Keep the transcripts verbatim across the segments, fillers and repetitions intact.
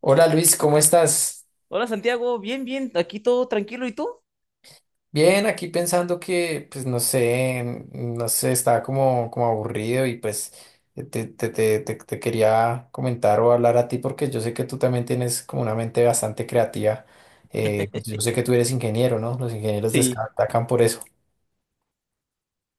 Hola Luis, ¿cómo estás? Hola Santiago, bien, bien, aquí todo tranquilo, ¿y tú? Bien, aquí pensando que, pues no sé, mm, no sé, estaba como, como aburrido y pues te, te, te, te- te quería comentar o hablar a ti porque yo sé que tú también tienes como una mente bastante creativa. Eh, pues yo sé que tú eres ingeniero, ¿no? Los ingenieros Sí, destacan por eso.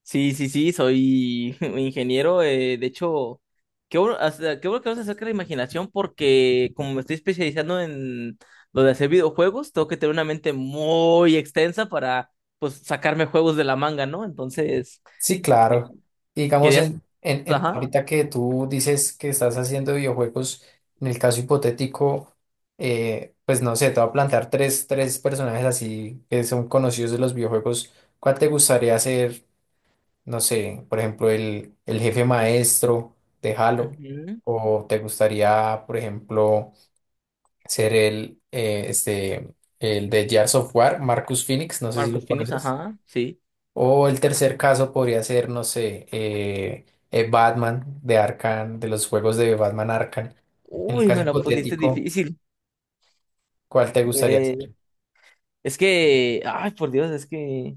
sí, sí, sí, soy ingeniero, eh, de hecho, qué bueno, hasta- qué bueno que hablas acerca de la imaginación porque como me estoy especializando en lo de hacer videojuegos, tengo que tener una mente muy extensa para, pues, sacarme juegos de la manga, ¿no? Entonces, Sí, eh, claro. Y Digamos, querías, en, en, en- ajá, ahorita que tú dices que estás haciendo videojuegos, en el caso hipotético, eh, pues no sé, te voy a plantear tres, tres personajes así que son conocidos de los videojuegos. ¿Cuál te gustaría ser? No sé, por ejemplo, el, el jefe maestro de Halo. ujú, ¿O te gustaría, por ejemplo, ser el, eh, este, el de Gears of War, Marcus Phoenix? No sé si lo Marcus Finis, conoces. ajá, sí. O el tercer caso podría ser, no sé, eh, eh, Batman de Arkham, de los juegos de Batman Arkham. En el Uy, caso me la pusiste hipotético, difícil. ¿cuál te gustaría ser? Eh, es que, ay, por Dios, es que.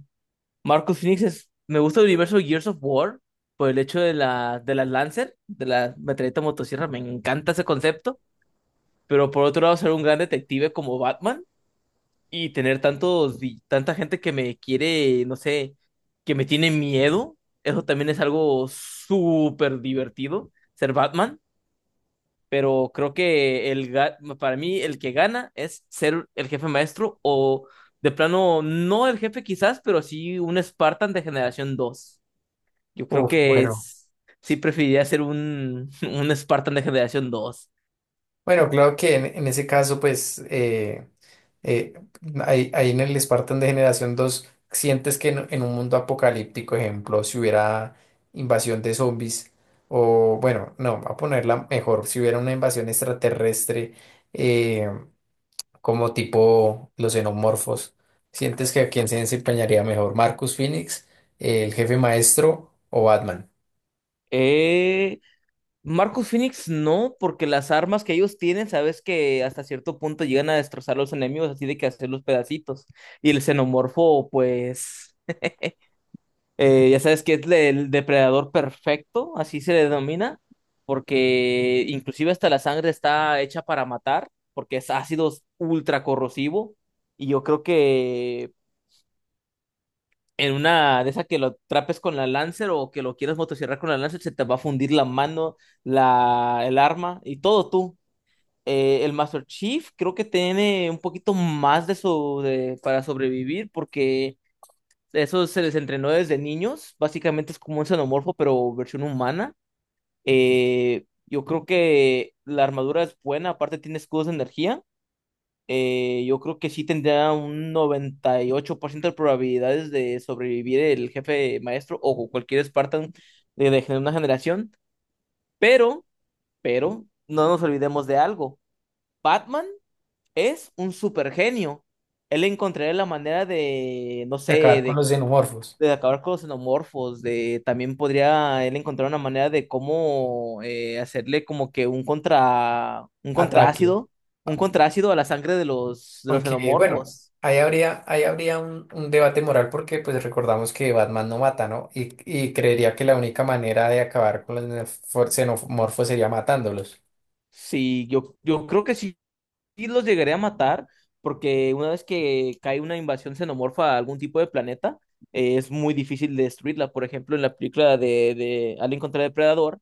Marcus Phoenix es, me gusta el universo de Gears of War por el hecho de la, de las Lancer, de la metralleta motosierra, me encanta ese concepto, pero por otro lado ser un gran detective como Batman y tener tantos, vi- tanta gente que me quiere, no sé, que me tiene miedo, eso también es algo súper divertido, ser Batman, pero creo que el, ga- para mí el que gana es ser el jefe maestro o de plano, no el jefe quizás, pero sí un Spartan de generación dos, yo creo Uf, que bueno. es- sí preferiría ser un, un Spartan de generación dos. Bueno, claro que en, en ese caso, pues, eh, eh, ahí, ahí en el Spartan de Generación dos sientes que en, en un mundo apocalíptico, ejemplo, si hubiera invasión de zombies, o bueno, no, voy a ponerla mejor, si hubiera una invasión extraterrestre. eh, Como tipo los xenomorfos. ¿Sientes que a quién se desempeñaría mejor, Marcus Phoenix, el jefe maestro o Batman? Eh, Marcus Phoenix no, porque las armas que ellos tienen, sabes que hasta cierto punto llegan a destrozar a los enemigos, así de que hacer los pedacitos. Y el xenomorfo, pues, eh, ya sabes que es le- el depredador perfecto, así se le denomina, porque inclusive hasta la sangre está hecha para matar, porque es ácido ultra corrosivo. Y yo creo que en una de esas que lo trapes con la Lancer o que lo quieras motosierrar con la Lancer, se te va a fundir la mano, la, el arma y todo tú. Eh, el Master Chief creo que tiene un poquito más de eso de, para sobrevivir porque eso se les entrenó desde niños. Básicamente es como un xenomorfo, pero versión humana. Eh, yo creo que la armadura es buena, aparte tiene escudos de energía. Eh, yo creo que sí tendría un noventa y ocho por ciento de probabilidades de sobrevivir el jefe maestro o cualquier Spartan de, de una generación, pero, pero, no nos olvidemos de algo. Batman es un supergenio. Él encontraría la manera de, no De sé, acabar con de, los xenomorfos. de acabar con los xenomorfos, de también podría él encontrar una manera de cómo eh, hacerle como que un contra, un Ataque. contraácido, un contraácido a la sangre de los, de los Aunque, bueno, xenomorfos. ahí habría, ahí habría un, un debate moral porque pues recordamos que Batman no mata, ¿no? Y, y creería que la única manera de acabar con los nefo- xenomorfos sería matándolos. Sí, yo, yo creo que sí, sí los llegaré a matar, porque una vez que cae una invasión xenomorfa a algún tipo de planeta, eh, es muy difícil destruirla. Por ejemplo, en la película de, de Alien contra el Depredador,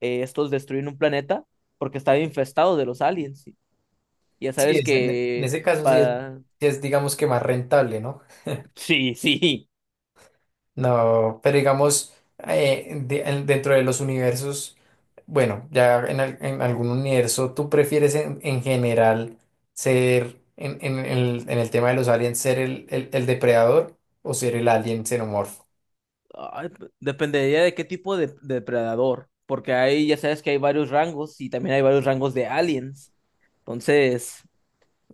eh, estos destruyen un planeta porque estaba infestado de los aliens. Y ya Sí, sabes es, en, en que. ese caso sí es, pa- sí es digamos que más rentable, ¿no? Sí, sí. No, pero digamos, eh, de- en- dentro de los universos, bueno, ya en, al- en algún universo, ¿tú prefieres en, en general ser, en, en- en el, en el tema de los aliens, ser el, el- el depredador o ser el alien xenomorfo? Ay, p- dependería de qué tipo de, de depredador, porque ahí ya sabes que hay varios rangos y también hay varios rangos de aliens. Entonces.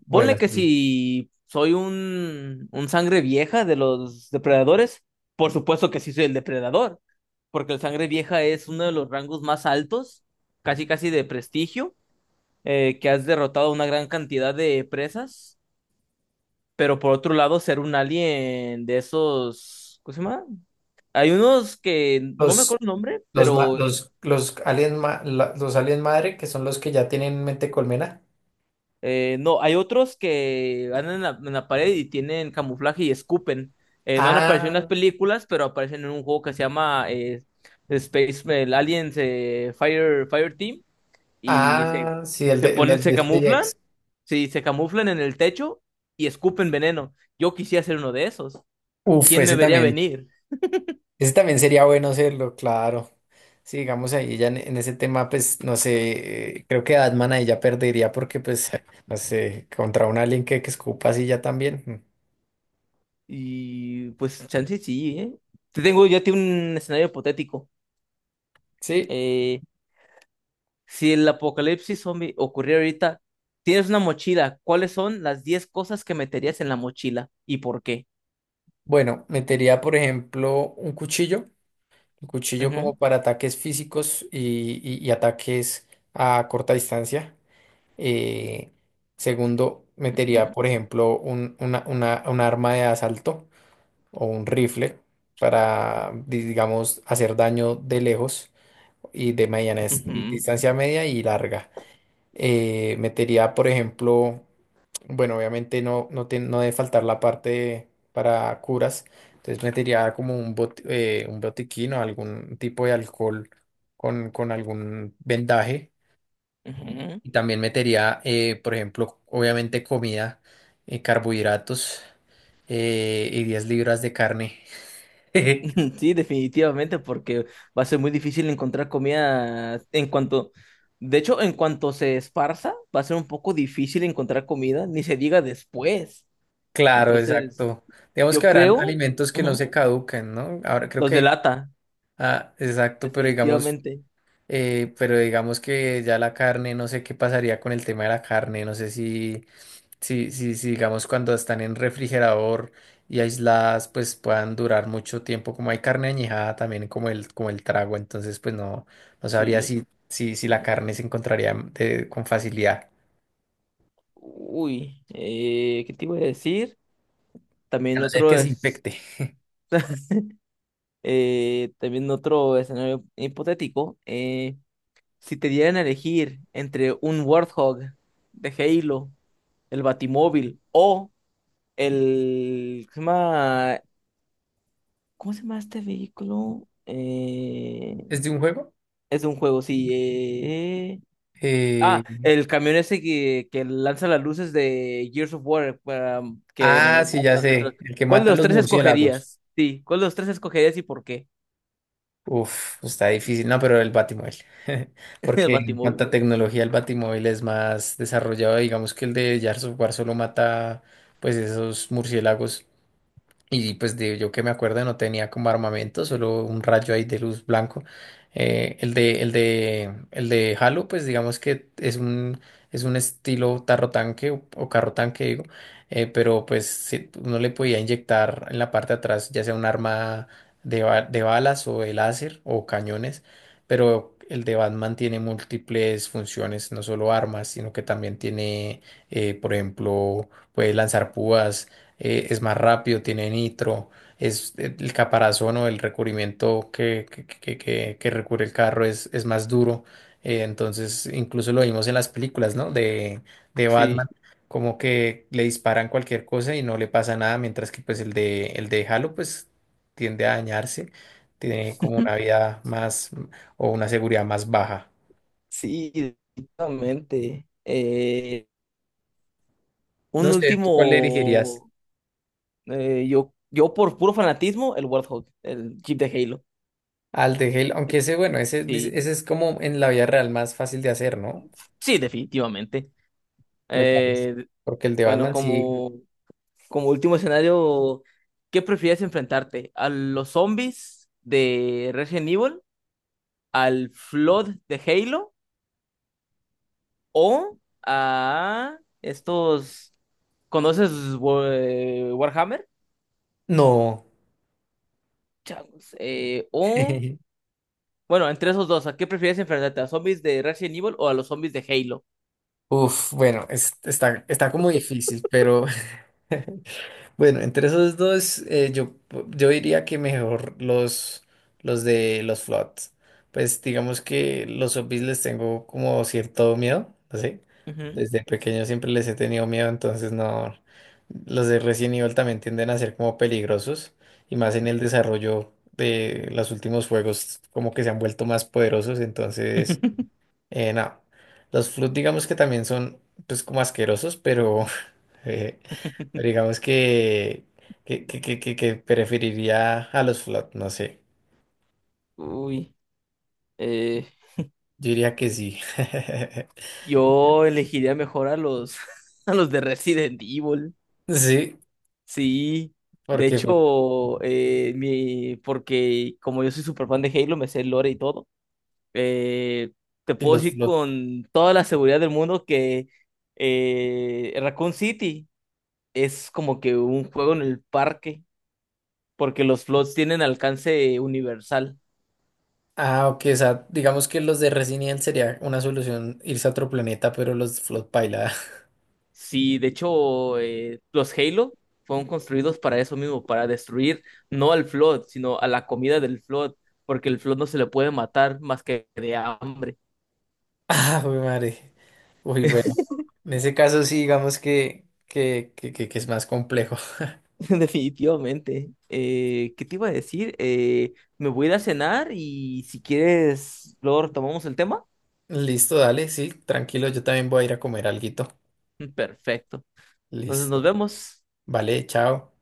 Bueno, Ponle que Sí. si soy un, un sangre vieja de los depredadores, por supuesto que sí soy el depredador, porque el sangre vieja es uno de los rangos más altos, casi casi de prestigio, eh, que has derrotado una gran cantidad de presas, pero por otro lado ser un alien de esos, ¿cómo se llama? Hay unos que no me los, acuerdo el nombre, los, ma- pero. los, los, aliens ma- la- los aliens madre, que son los que ya tienen mente colmena. Eh, no, hay otros que andan en la, en la pared y tienen camuflaje y escupen. Eh, no han aparecido en las Ah, películas, pero aparecen en un juego que se llama eh, Space el Aliens, eh, Fire, Fire Team y se, ah, sí, el se de, el ponen, se de camuflan, SpaceX. sí, se camuflan en el techo y escupen veneno. Yo quisiera ser uno de esos. Uf, ¿Quién me ese vería también. venir? Ese también sería bueno hacerlo, claro. Sí, digamos ahí ya en, en ese tema, pues no sé, eh, creo que Atman ahí ya perdería porque pues, no sé, contra un alien que, que escupa así ya también. Mm. Y pues chance sí, ¿eh? Te tengo, yo tengo un escenario hipotético. Sí, Eh, Si el apocalipsis zombie ocurriera ahorita, tienes una mochila, ¿cuáles son las diez cosas que meterías en la mochila y por qué? bueno, metería por ejemplo un cuchillo, un cuchillo Ujú, como para ataques físicos y, y- y ataques a corta distancia. Eh, Segundo, ujú, metería por ejemplo un, una, una- un arma de asalto. O un rifle para, digamos, hacer daño de lejos y de mediana es- distancia media y larga. Eh, metería, por ejemplo, bueno, obviamente no, no, te- no debe faltar la parte para curas, entonces metería como un, bot- eh, un botiquín o algún tipo de alcohol con, con algún vendaje. ujú, ujú. Y también metería, eh, por ejemplo, obviamente comida, eh, carbohidratos eh, y diez libras de carne. Sí, definitivamente, porque va a ser muy difícil encontrar comida en cuanto, de hecho, en cuanto se esparza, va a ser un poco difícil encontrar comida, ni se diga después. Claro, Entonces, exacto. Digamos que yo habrán creo, alimentos que no ujú, se caducan, ¿no? Ahora creo los que, delata, ah, exacto, pero digamos, definitivamente. eh, pero digamos que ya la carne, no sé qué pasaría con el tema de la carne, no sé si, si, si, si digamos cuando están en refrigerador y aisladas, pues puedan durar mucho tiempo, como hay carne añejada también como el, como el trago, entonces pues no, no sabría Sí. si, si, si la carne se Mm. encontraría de- con facilidad. Uy, eh, ¿qué te iba a decir? A También no ser otro que se es, infecte. eh, también otro escenario hipotético. Eh, si te dieran a elegir entre un Warthog de Halo, el Batimóvil o el, ¿cómo se llama? ¿Cómo se llama este vehículo? Eh, ¿Es de un juego? Es un juego, sí. eh, Eh, Ah, el camión ese que, que lanza las luces de Gears of War para que Ah, sí, mataba ya a los otros. sé. El que ¿Cuál de mata a los los tres murciélagos. escogerías? Sí, ¿cuál de los tres escogerías y por qué? Uf, está difícil. No, pero el Batimóvil. El Porque en Batimóvil. cuanto a tecnología, el Batimóvil es más desarrollado. Digamos que el de Gears of War solo mata, pues, esos murciélagos. Y pues de, yo que me acuerdo no tenía como armamento, solo un rayo ahí de luz blanco. Eh, el de, el de, el de Halo, pues digamos que es un, es un estilo tarro tanque o, o carro tanque, digo. Eh, pero pues sí, uno le podía inyectar en la parte de atrás, ya sea un arma de, ba- de balas o de láser o cañones. Pero el de Batman tiene múltiples funciones, no solo armas, sino que también tiene, eh, por ejemplo, puede lanzar púas eh, es más rápido, tiene nitro, es el caparazón o el recubrimiento que, que, que- que- que recubre el carro es, es más duro. Eh, entonces, incluso lo vimos en las películas, ¿no? De, de Batman, Sí. como que le disparan cualquier cosa y no le pasa nada, mientras que pues el de, el de Halo pues tiende a dañarse, tiene como una vida más o una seguridad más baja. Sí, definitivamente. Eh, No Un sé, ¿tú cuál le dirigirías? último, eh, yo, yo por puro fanatismo, el Warthog, el Jeep de Halo. Al de Halo, aunque ese, bueno, ese, dice- Sí, ese es como en la vida real más fácil de hacer, ¿no? sí, definitivamente. Me parece. Eh, Porque el de bueno, Batman sí. como como último escenario, ¿qué prefieres enfrentarte? ¿A los zombies de Resident Evil? ¿Al Flood de Halo? ¿O a estos? ¿Conoces Wa- eh, Warhammer? No. Changos, eh, o. Bueno, entre esos dos, ¿a qué prefieres enfrentarte? ¿A zombies de Resident Evil o a los zombies de Halo? Uf, bueno, es- está, está como difícil, pero Bueno, entre esos dos, eh, yo, yo diría que mejor los, los de los Floods. Pues digamos que los zombies les tengo como cierto miedo, ¿sí? Ujú. Desde pequeño siempre les he tenido miedo, entonces no. Los de Resident Evil también tienden a ser como peligrosos, y más en el desarrollo de los últimos juegos, como que se han vuelto más poderosos, entonces, eh, no. Los Flood digamos que también son, pues, como asquerosos, pero. Eh, pero digamos que, que, que, que, que- que preferiría a los flot, no sé. Uy, eh, Yo diría que sí. yo elegiría mejor a los, a los de Resident Evil. Sí, Sí, de porque hecho, eh, mi, porque como yo soy súper fan de Halo, me sé el lore y todo, eh, te y puedo los decir flot. con toda la seguridad del mundo que eh, Raccoon City es como que un juego en el parque, porque los flots tienen alcance universal. Ah, ok, o sea, digamos que los de Resident Evil sería una solución irse a otro planeta, pero los flot paila. Sí, de hecho, eh, los Halo fueron construidos para eso mismo, para destruir no al flot, sino a la comida del flot, porque el flot no se le puede matar más que de hambre. Ah, uy, madre. Uy, bueno. En ese caso sí, digamos que, que, que, que, que es más complejo. Definitivamente. Eh, ¿qué te iba a decir? Eh, me voy a ir a cenar y si quieres, luego retomamos el tema. Listo, dale, sí, tranquilo, yo también voy a ir a comer alguito. Perfecto. Entonces nos Listo. vemos. Vale, chao.